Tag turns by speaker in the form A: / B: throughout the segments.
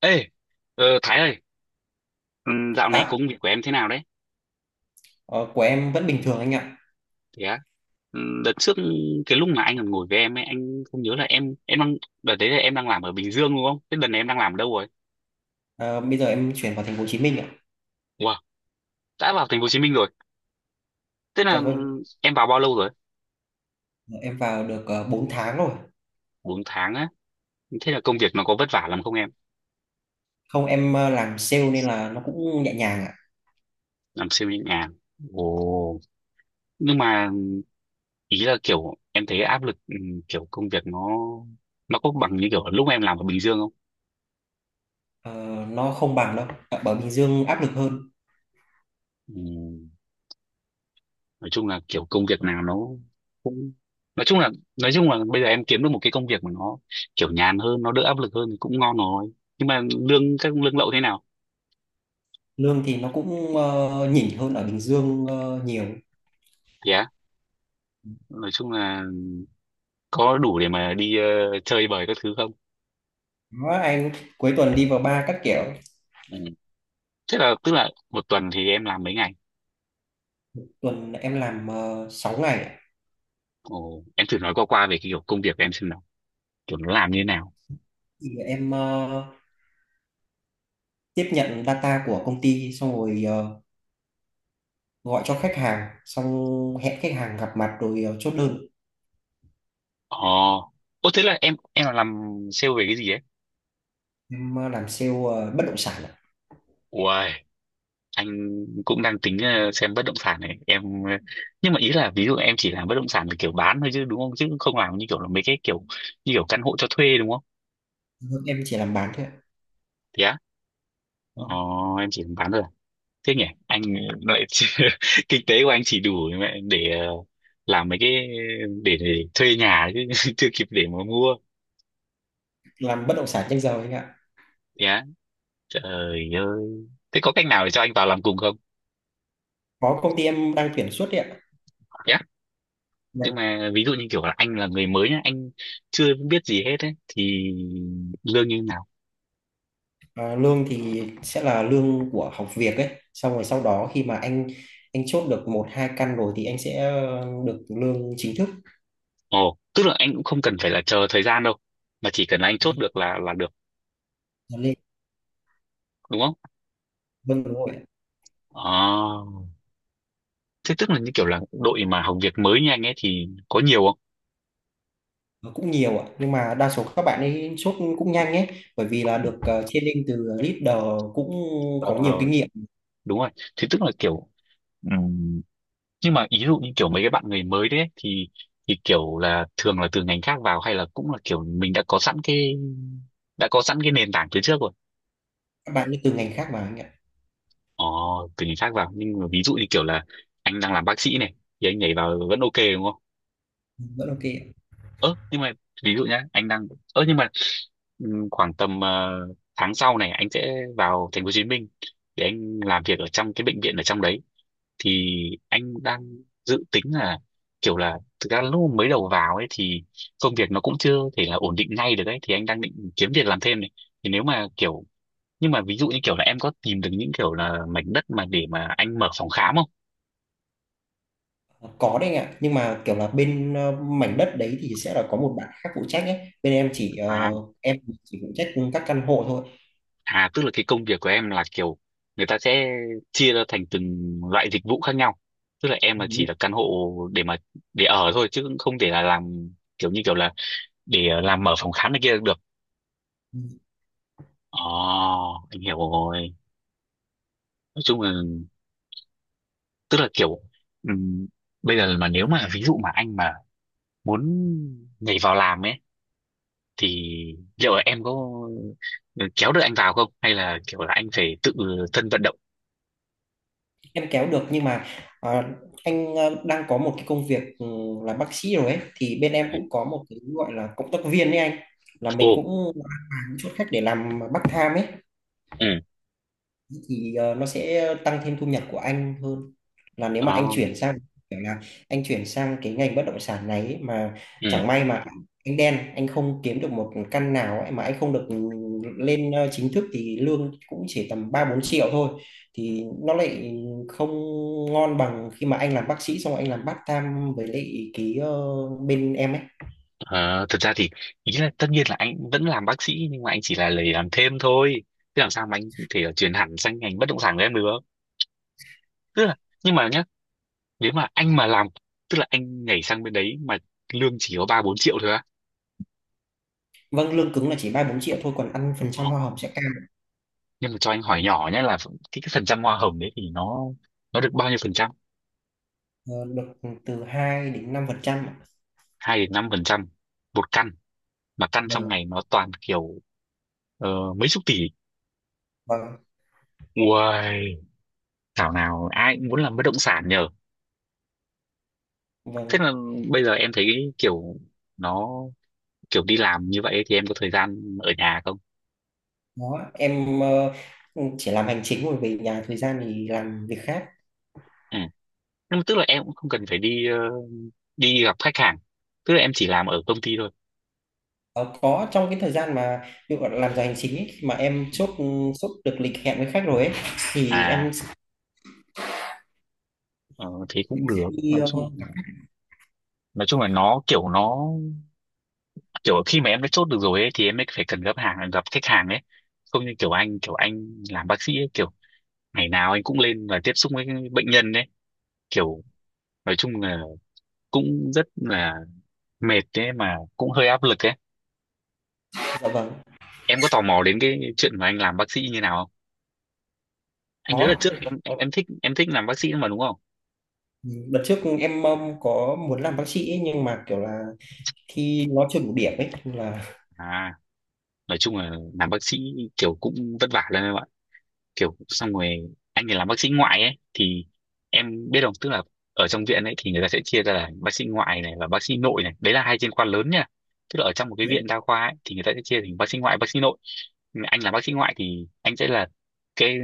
A: Ê, Thái ơi, ừ, dạo này
B: Dạ,
A: công việc của em thế nào đấy?
B: ờ, của em vẫn bình thường anh ạ.
A: Thế á, ừ, đợt trước cái lúc mà anh còn ngồi với em ấy, anh không nhớ là em đang đợt đấy là em đang làm ở Bình Dương đúng không? Thế đợt này em đang làm ở đâu rồi?
B: Ờ, Bây giờ em chuyển vào thành phố Hồ Chí Minh ạ.
A: Wow, đã vào thành phố Hồ Chí Minh rồi. Thế là
B: Dạ
A: ừ,
B: vâng,
A: em vào bao lâu rồi?
B: em vào được 4 tháng rồi.
A: 4 tháng á. Thế là công việc nó có vất vả lắm không em?
B: Không, em làm sale nên là nó cũng nhẹ nhàng ạ.
A: Làm siêu nhẹ nhàng. Ồ. Nhưng mà ý là kiểu em thấy áp lực kiểu công việc nó có bằng như kiểu lúc em làm ở Bình Dương không?
B: Ờ, nó không bằng đâu. Ờ, Ở Bình Dương áp lực hơn.
A: Ừ. Nói chung là kiểu công việc nào nó cũng nói chung là nói chung là bây giờ em kiếm được một cái công việc mà nó kiểu nhàn hơn nó đỡ áp lực hơn thì cũng ngon rồi, nhưng mà các lương lậu thế nào
B: Lương thì nó cũng nhỉnh hơn ở Bình Dương nhiều.
A: thì á, nói chung là có đủ để mà đi chơi bời các thứ không.
B: Đó, anh cuối tuần đi vào bar các kiểu.
A: Ừ. Thế là tức là một tuần thì em làm mấy ngày.
B: Tuần em làm 6 ngày ạ.
A: Ồ, em thử nói qua qua về cái kiểu công việc của em xem nào, kiểu nó làm như thế nào.
B: Thì em tiếp nhận data của công ty xong rồi gọi cho khách hàng xong hẹn khách hàng gặp mặt rồi chốt đơn.
A: Ồ, thế là em là làm sale về cái gì ấy.
B: Em làm sale bất động sản ạ.
A: Ui. Anh cũng đang tính xem bất động sản này em, nhưng mà ý là ví dụ em chỉ làm bất động sản là kiểu bán thôi chứ đúng không, chứ không làm như kiểu là mấy cái kiểu như kiểu căn hộ cho thuê đúng không.
B: Vâng, em chỉ làm bán thôi ạ.
A: Thế á.
B: Ừ.
A: ờ, em chỉ làm bán thôi à? Thế nhỉ anh lại kinh tế của anh chỉ đủ mẹ để làm mấy cái để thuê nhà chứ chưa kịp để mà mua.
B: Làm bất động sản trên giờ anh ạ.
A: Thế á, trời ơi, thế có cách nào để cho anh vào làm cùng không.
B: Có công ty em đang tuyển suốt đấy ạ.
A: Thế á, nhưng
B: Vâng.
A: mà ví dụ như kiểu là anh là người mới nhá, anh chưa biết gì hết ấy thì lương như nào.
B: À, lương thì sẽ là lương của học việc ấy, xong rồi sau đó khi mà anh chốt được một hai căn rồi thì anh sẽ được lương chính thức.
A: Ồ, tức là anh cũng không cần phải là chờ thời gian đâu, mà chỉ cần anh chốt được là được,
B: Nó lên.
A: đúng không?
B: Vâng, đúng rồi ạ.
A: Ờ, thế tức là như kiểu là đội mà học việc mới như anh ấy thì có nhiều không?
B: Nó cũng nhiều ạ, nhưng mà đa số các bạn ấy chốt cũng nhanh ấy, bởi vì là được training từ leader, cũng có nhiều
A: Ờ,
B: kinh nghiệm.
A: đúng rồi. Thế tức là kiểu ừm, nhưng mà ý dụ như kiểu mấy cái bạn người mới đấy ấy, thì kiểu là thường là từ ngành khác vào, hay là cũng là kiểu mình đã có sẵn cái nền tảng từ trước rồi.
B: Các bạn ấy từ ngành khác mà anh ạ.
A: Ờ, từ ngành khác vào, nhưng mà ví dụ như kiểu là anh đang làm bác sĩ này thì anh nhảy vào vẫn ok đúng không?
B: Rất ok ạ.
A: Ơ nhưng mà ví dụ nhá, anh đang ơ nhưng mà khoảng tầm tháng sau này anh sẽ vào thành phố Hồ Chí Minh để anh làm việc ở trong cái bệnh viện ở trong đấy, thì anh đang dự tính là kiểu là thực ra lúc mới đầu vào ấy thì công việc nó cũng chưa thể là ổn định ngay được ấy, thì anh đang định kiếm việc làm thêm này, thì nếu mà kiểu, nhưng mà ví dụ như kiểu là em có tìm được những kiểu là mảnh đất mà để mà anh mở phòng khám không.
B: Có đấy anh ạ, nhưng mà kiểu là bên mảnh đất đấy thì sẽ là có một bạn khác phụ trách ấy. Bên em chỉ ờ,
A: À.
B: em chỉ phụ trách các căn hộ thôi.
A: Tức là cái công việc của em là kiểu người ta sẽ chia ra thành từng loại dịch vụ khác nhau. Tức là em là chỉ
B: Ừ,
A: là căn hộ để mà để ở thôi, chứ cũng không thể là làm kiểu như kiểu là để làm mở phòng khám này kia được.
B: ừ.
A: Ồ, anh hiểu rồi. Nói chung là tức là kiểu ừm, bây giờ mà nếu mà ví dụ mà anh mà muốn nhảy vào làm ấy thì liệu là em có kéo được anh vào không, hay là kiểu là anh phải tự thân vận động?
B: Em kéo được, nhưng mà ờ, anh đang có một cái công việc là bác sĩ rồi ấy, thì bên em cũng có một cái gọi là cộng tác viên đấy anh. Là mình
A: Ồ.
B: cũng mang chút khách để làm part tham ấy.
A: Ừ.
B: Thì nó sẽ tăng thêm thu nhập của anh hơn là nếu mà
A: Đó.
B: kiểu là anh chuyển sang cái ngành bất động sản này ấy, mà
A: Ừ.
B: chẳng may mà anh đen, anh không kiếm được một căn nào ấy, mà anh không được lên chính thức thì lương cũng chỉ tầm 3-4 triệu thôi, thì nó lại không ngon bằng khi mà anh làm bác sĩ xong rồi anh làm part time với lại cái bên em ấy.
A: Ờ, thực ra thì ý là tất nhiên là anh vẫn làm bác sĩ, nhưng mà anh chỉ là lấy làm thêm thôi, chứ làm sao mà anh có thể chuyển hẳn sang ngành bất động sản của em được. Tức là, nhưng mà nhá, nếu mà anh mà làm, tức là anh nhảy sang bên đấy mà lương chỉ có ba bốn triệu thôi á.
B: Vâng, lương cứng là chỉ 3-4 triệu thôi, còn ăn phần trăm
A: Ờ,
B: hoa hồng sẽ cao,
A: nhưng mà cho anh hỏi nhỏ nhé là cái phần trăm hoa hồng đấy thì nó được bao nhiêu phần trăm.
B: ờ, được từ 2 đến 5% ạ.
A: 2 đến 5% một căn, mà căn trong
B: Vâng,
A: này nó toàn kiểu ờ, mấy chục tỷ.
B: vâng.
A: Uầy, thảo nào ai cũng muốn làm bất động sản nhờ. Thế
B: Vâng,
A: là bây giờ em thấy kiểu nó kiểu đi làm như vậy thì em có thời gian ở nhà không.
B: đó em chỉ làm hành chính rồi về nhà, thời gian thì làm việc khác.
A: Ừ. Nhưng mà tức là em cũng không cần phải đi đi gặp khách hàng, tức là em chỉ làm ở công ty thôi.
B: Ờ, có trong cái thời gian mà ví dụ làm giờ hành chính ấy, khi mà em chốt được lịch hẹn với khách rồi ấy, thì em
A: À
B: sẽ
A: ờ, thế cũng được.
B: đi
A: Nói chung, nói chung là nó kiểu khi mà em đã chốt được rồi ấy, thì em mới phải cần gặp khách hàng ấy, không như kiểu anh, kiểu anh làm bác sĩ ấy, kiểu ngày nào anh cũng lên và tiếp xúc với bệnh nhân ấy, kiểu nói chung là cũng rất là mệt đấy, mà cũng hơi áp lực ấy.
B: dạ vâng,
A: Em có tò mò đến cái chuyện mà anh làm bác sĩ như nào không. Anh nhớ là
B: có.
A: trước em, em thích làm bác sĩ mà đúng không.
B: Ừ, đợt trước em có muốn làm bác sĩ ấy, nhưng mà kiểu là thi nó chưa đủ điểm ấy nên là.
A: À, nói chung là làm bác sĩ kiểu cũng vất vả lắm em ạ, kiểu xong rồi anh thì làm bác sĩ ngoại ấy, thì em biết không, tức là ở trong viện ấy thì người ta sẽ chia ra là bác sĩ ngoại này và bác sĩ nội này, đấy là hai chuyên khoa lớn nha, tức là ở trong một cái
B: Ừ,
A: viện đa khoa ấy, thì người ta sẽ chia thành bác sĩ ngoại, bác sĩ nội. Nhưng mà anh làm bác sĩ ngoại thì anh sẽ là cái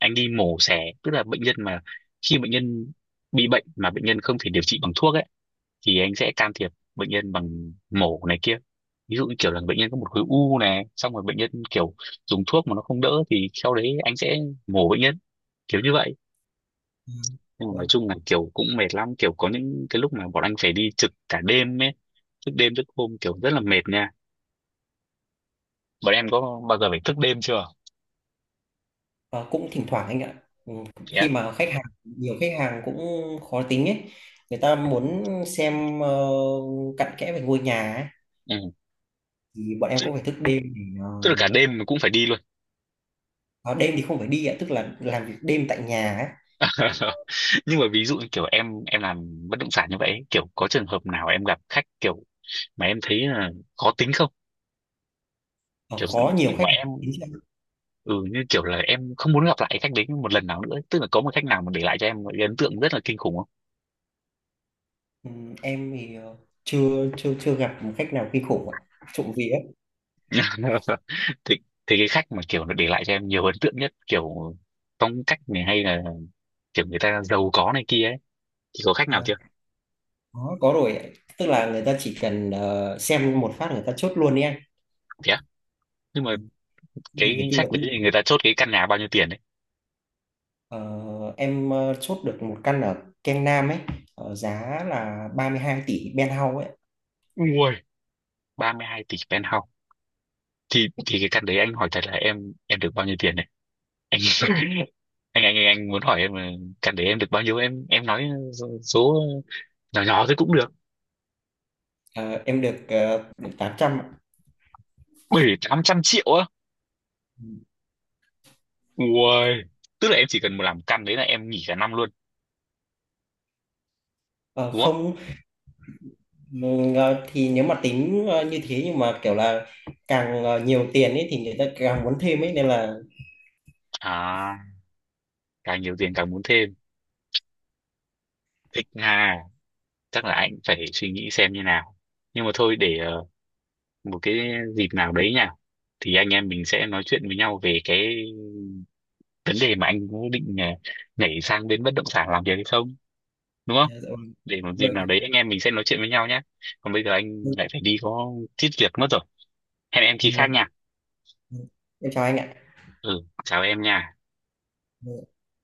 A: anh đi mổ xẻ, tức là bệnh nhân mà khi bệnh nhân bị bệnh mà bệnh nhân không thể điều trị bằng thuốc ấy, thì anh sẽ can thiệp bệnh nhân bằng mổ này kia, ví dụ như kiểu là bệnh nhân có một khối u này, xong rồi bệnh nhân kiểu dùng thuốc mà nó không đỡ thì sau đấy anh sẽ mổ bệnh nhân, kiểu như vậy. Nhưng mà nói
B: vâng.
A: chung là kiểu cũng mệt lắm, kiểu có những cái lúc mà bọn anh phải đi trực cả đêm ấy, thức đêm thức hôm kiểu rất là mệt nha. Bọn em có bao giờ phải thức đêm chưa.
B: Ờ, cũng thỉnh thoảng anh ạ. Ừ,
A: Thế
B: khi
A: á?
B: mà khách hàng nhiều, khách hàng cũng khó tính ấy, người ta muốn xem cặn kẽ về ngôi nhà ấy,
A: Ừ.
B: thì bọn em
A: Tức,
B: cũng phải thức đêm để
A: tức là cả đêm mà cũng phải đi luôn.
B: à, đêm thì không phải đi ạ, tức là làm việc đêm tại nhà ấy.
A: Nhưng mà ví dụ như kiểu em làm bất động sản như vậy ấy, kiểu có trường hợp nào em gặp khách kiểu mà em thấy là khó tính không,
B: Ờ,
A: kiểu
B: có nhiều
A: kiểu mà
B: khách hàng
A: em
B: đến cho em.
A: ừ, như kiểu là em không muốn gặp lại cái khách đấy một lần nào nữa ấy. Tức là có một khách nào mà để lại cho em một cái ấn tượng rất là kinh khủng không.
B: Em thì chưa chưa chưa gặp một khách nào kinh khủng ạ, trộm vía.
A: thì thì cái khách mà kiểu nó để lại cho em nhiều ấn tượng nhất, kiểu phong cách này, hay là kiểu người ta giàu có này kia ấy, thì có khách nào
B: Ờ,
A: chưa.
B: có rồi ạ. Tức là người ta chỉ cần xem một phát người ta chốt luôn đi anh.
A: Thế á? Nhưng
B: Ừ,
A: mà
B: không cần phải
A: cái
B: tư
A: khách đấy
B: vấn.
A: thì người ta chốt cái căn nhà bao nhiêu tiền đấy.
B: Ờ, em chốt được một căn ở Keng Nam ấy, giá là 32 tỷ Penthouse ấy.
A: Ui, 32 tỷ penthouse. Thì cái căn đấy anh hỏi thật là em được bao nhiêu tiền đấy. anh anh muốn hỏi em là căn đấy em được bao nhiêu, em nói số số nhỏ nhỏ thôi cũng được.
B: Ờ, em được 800 ạ.
A: Bảy tám trăm triệu á. Ui, tức là em chỉ cần một làm căn đấy là em nghỉ cả năm luôn
B: Ờ,
A: đúng không.
B: không. Ừ, thì nếu mà tính như thế, nhưng mà kiểu là càng nhiều tiền ấy thì người ta càng muốn thêm ấy, nên là
A: À, càng nhiều tiền càng muốn thêm, thích ha. Chắc là anh phải suy nghĩ xem như nào, nhưng mà thôi, để một cái dịp nào đấy nha, thì anh em mình sẽ nói chuyện với nhau về cái vấn đề mà anh có định nhảy sang bên bất động sản làm việc hay không, đúng không.
B: Dạ, vâng
A: Để một dịp nào đấy
B: vâng
A: anh em mình sẽ nói chuyện với nhau nhé. Còn bây giờ anh lại phải đi có chút việc mất rồi, hẹn em khi
B: vâng
A: khác
B: vâng.
A: nha.
B: Vâng. Em chào anh ạ.
A: Ừ, chào em nha.
B: Dạ.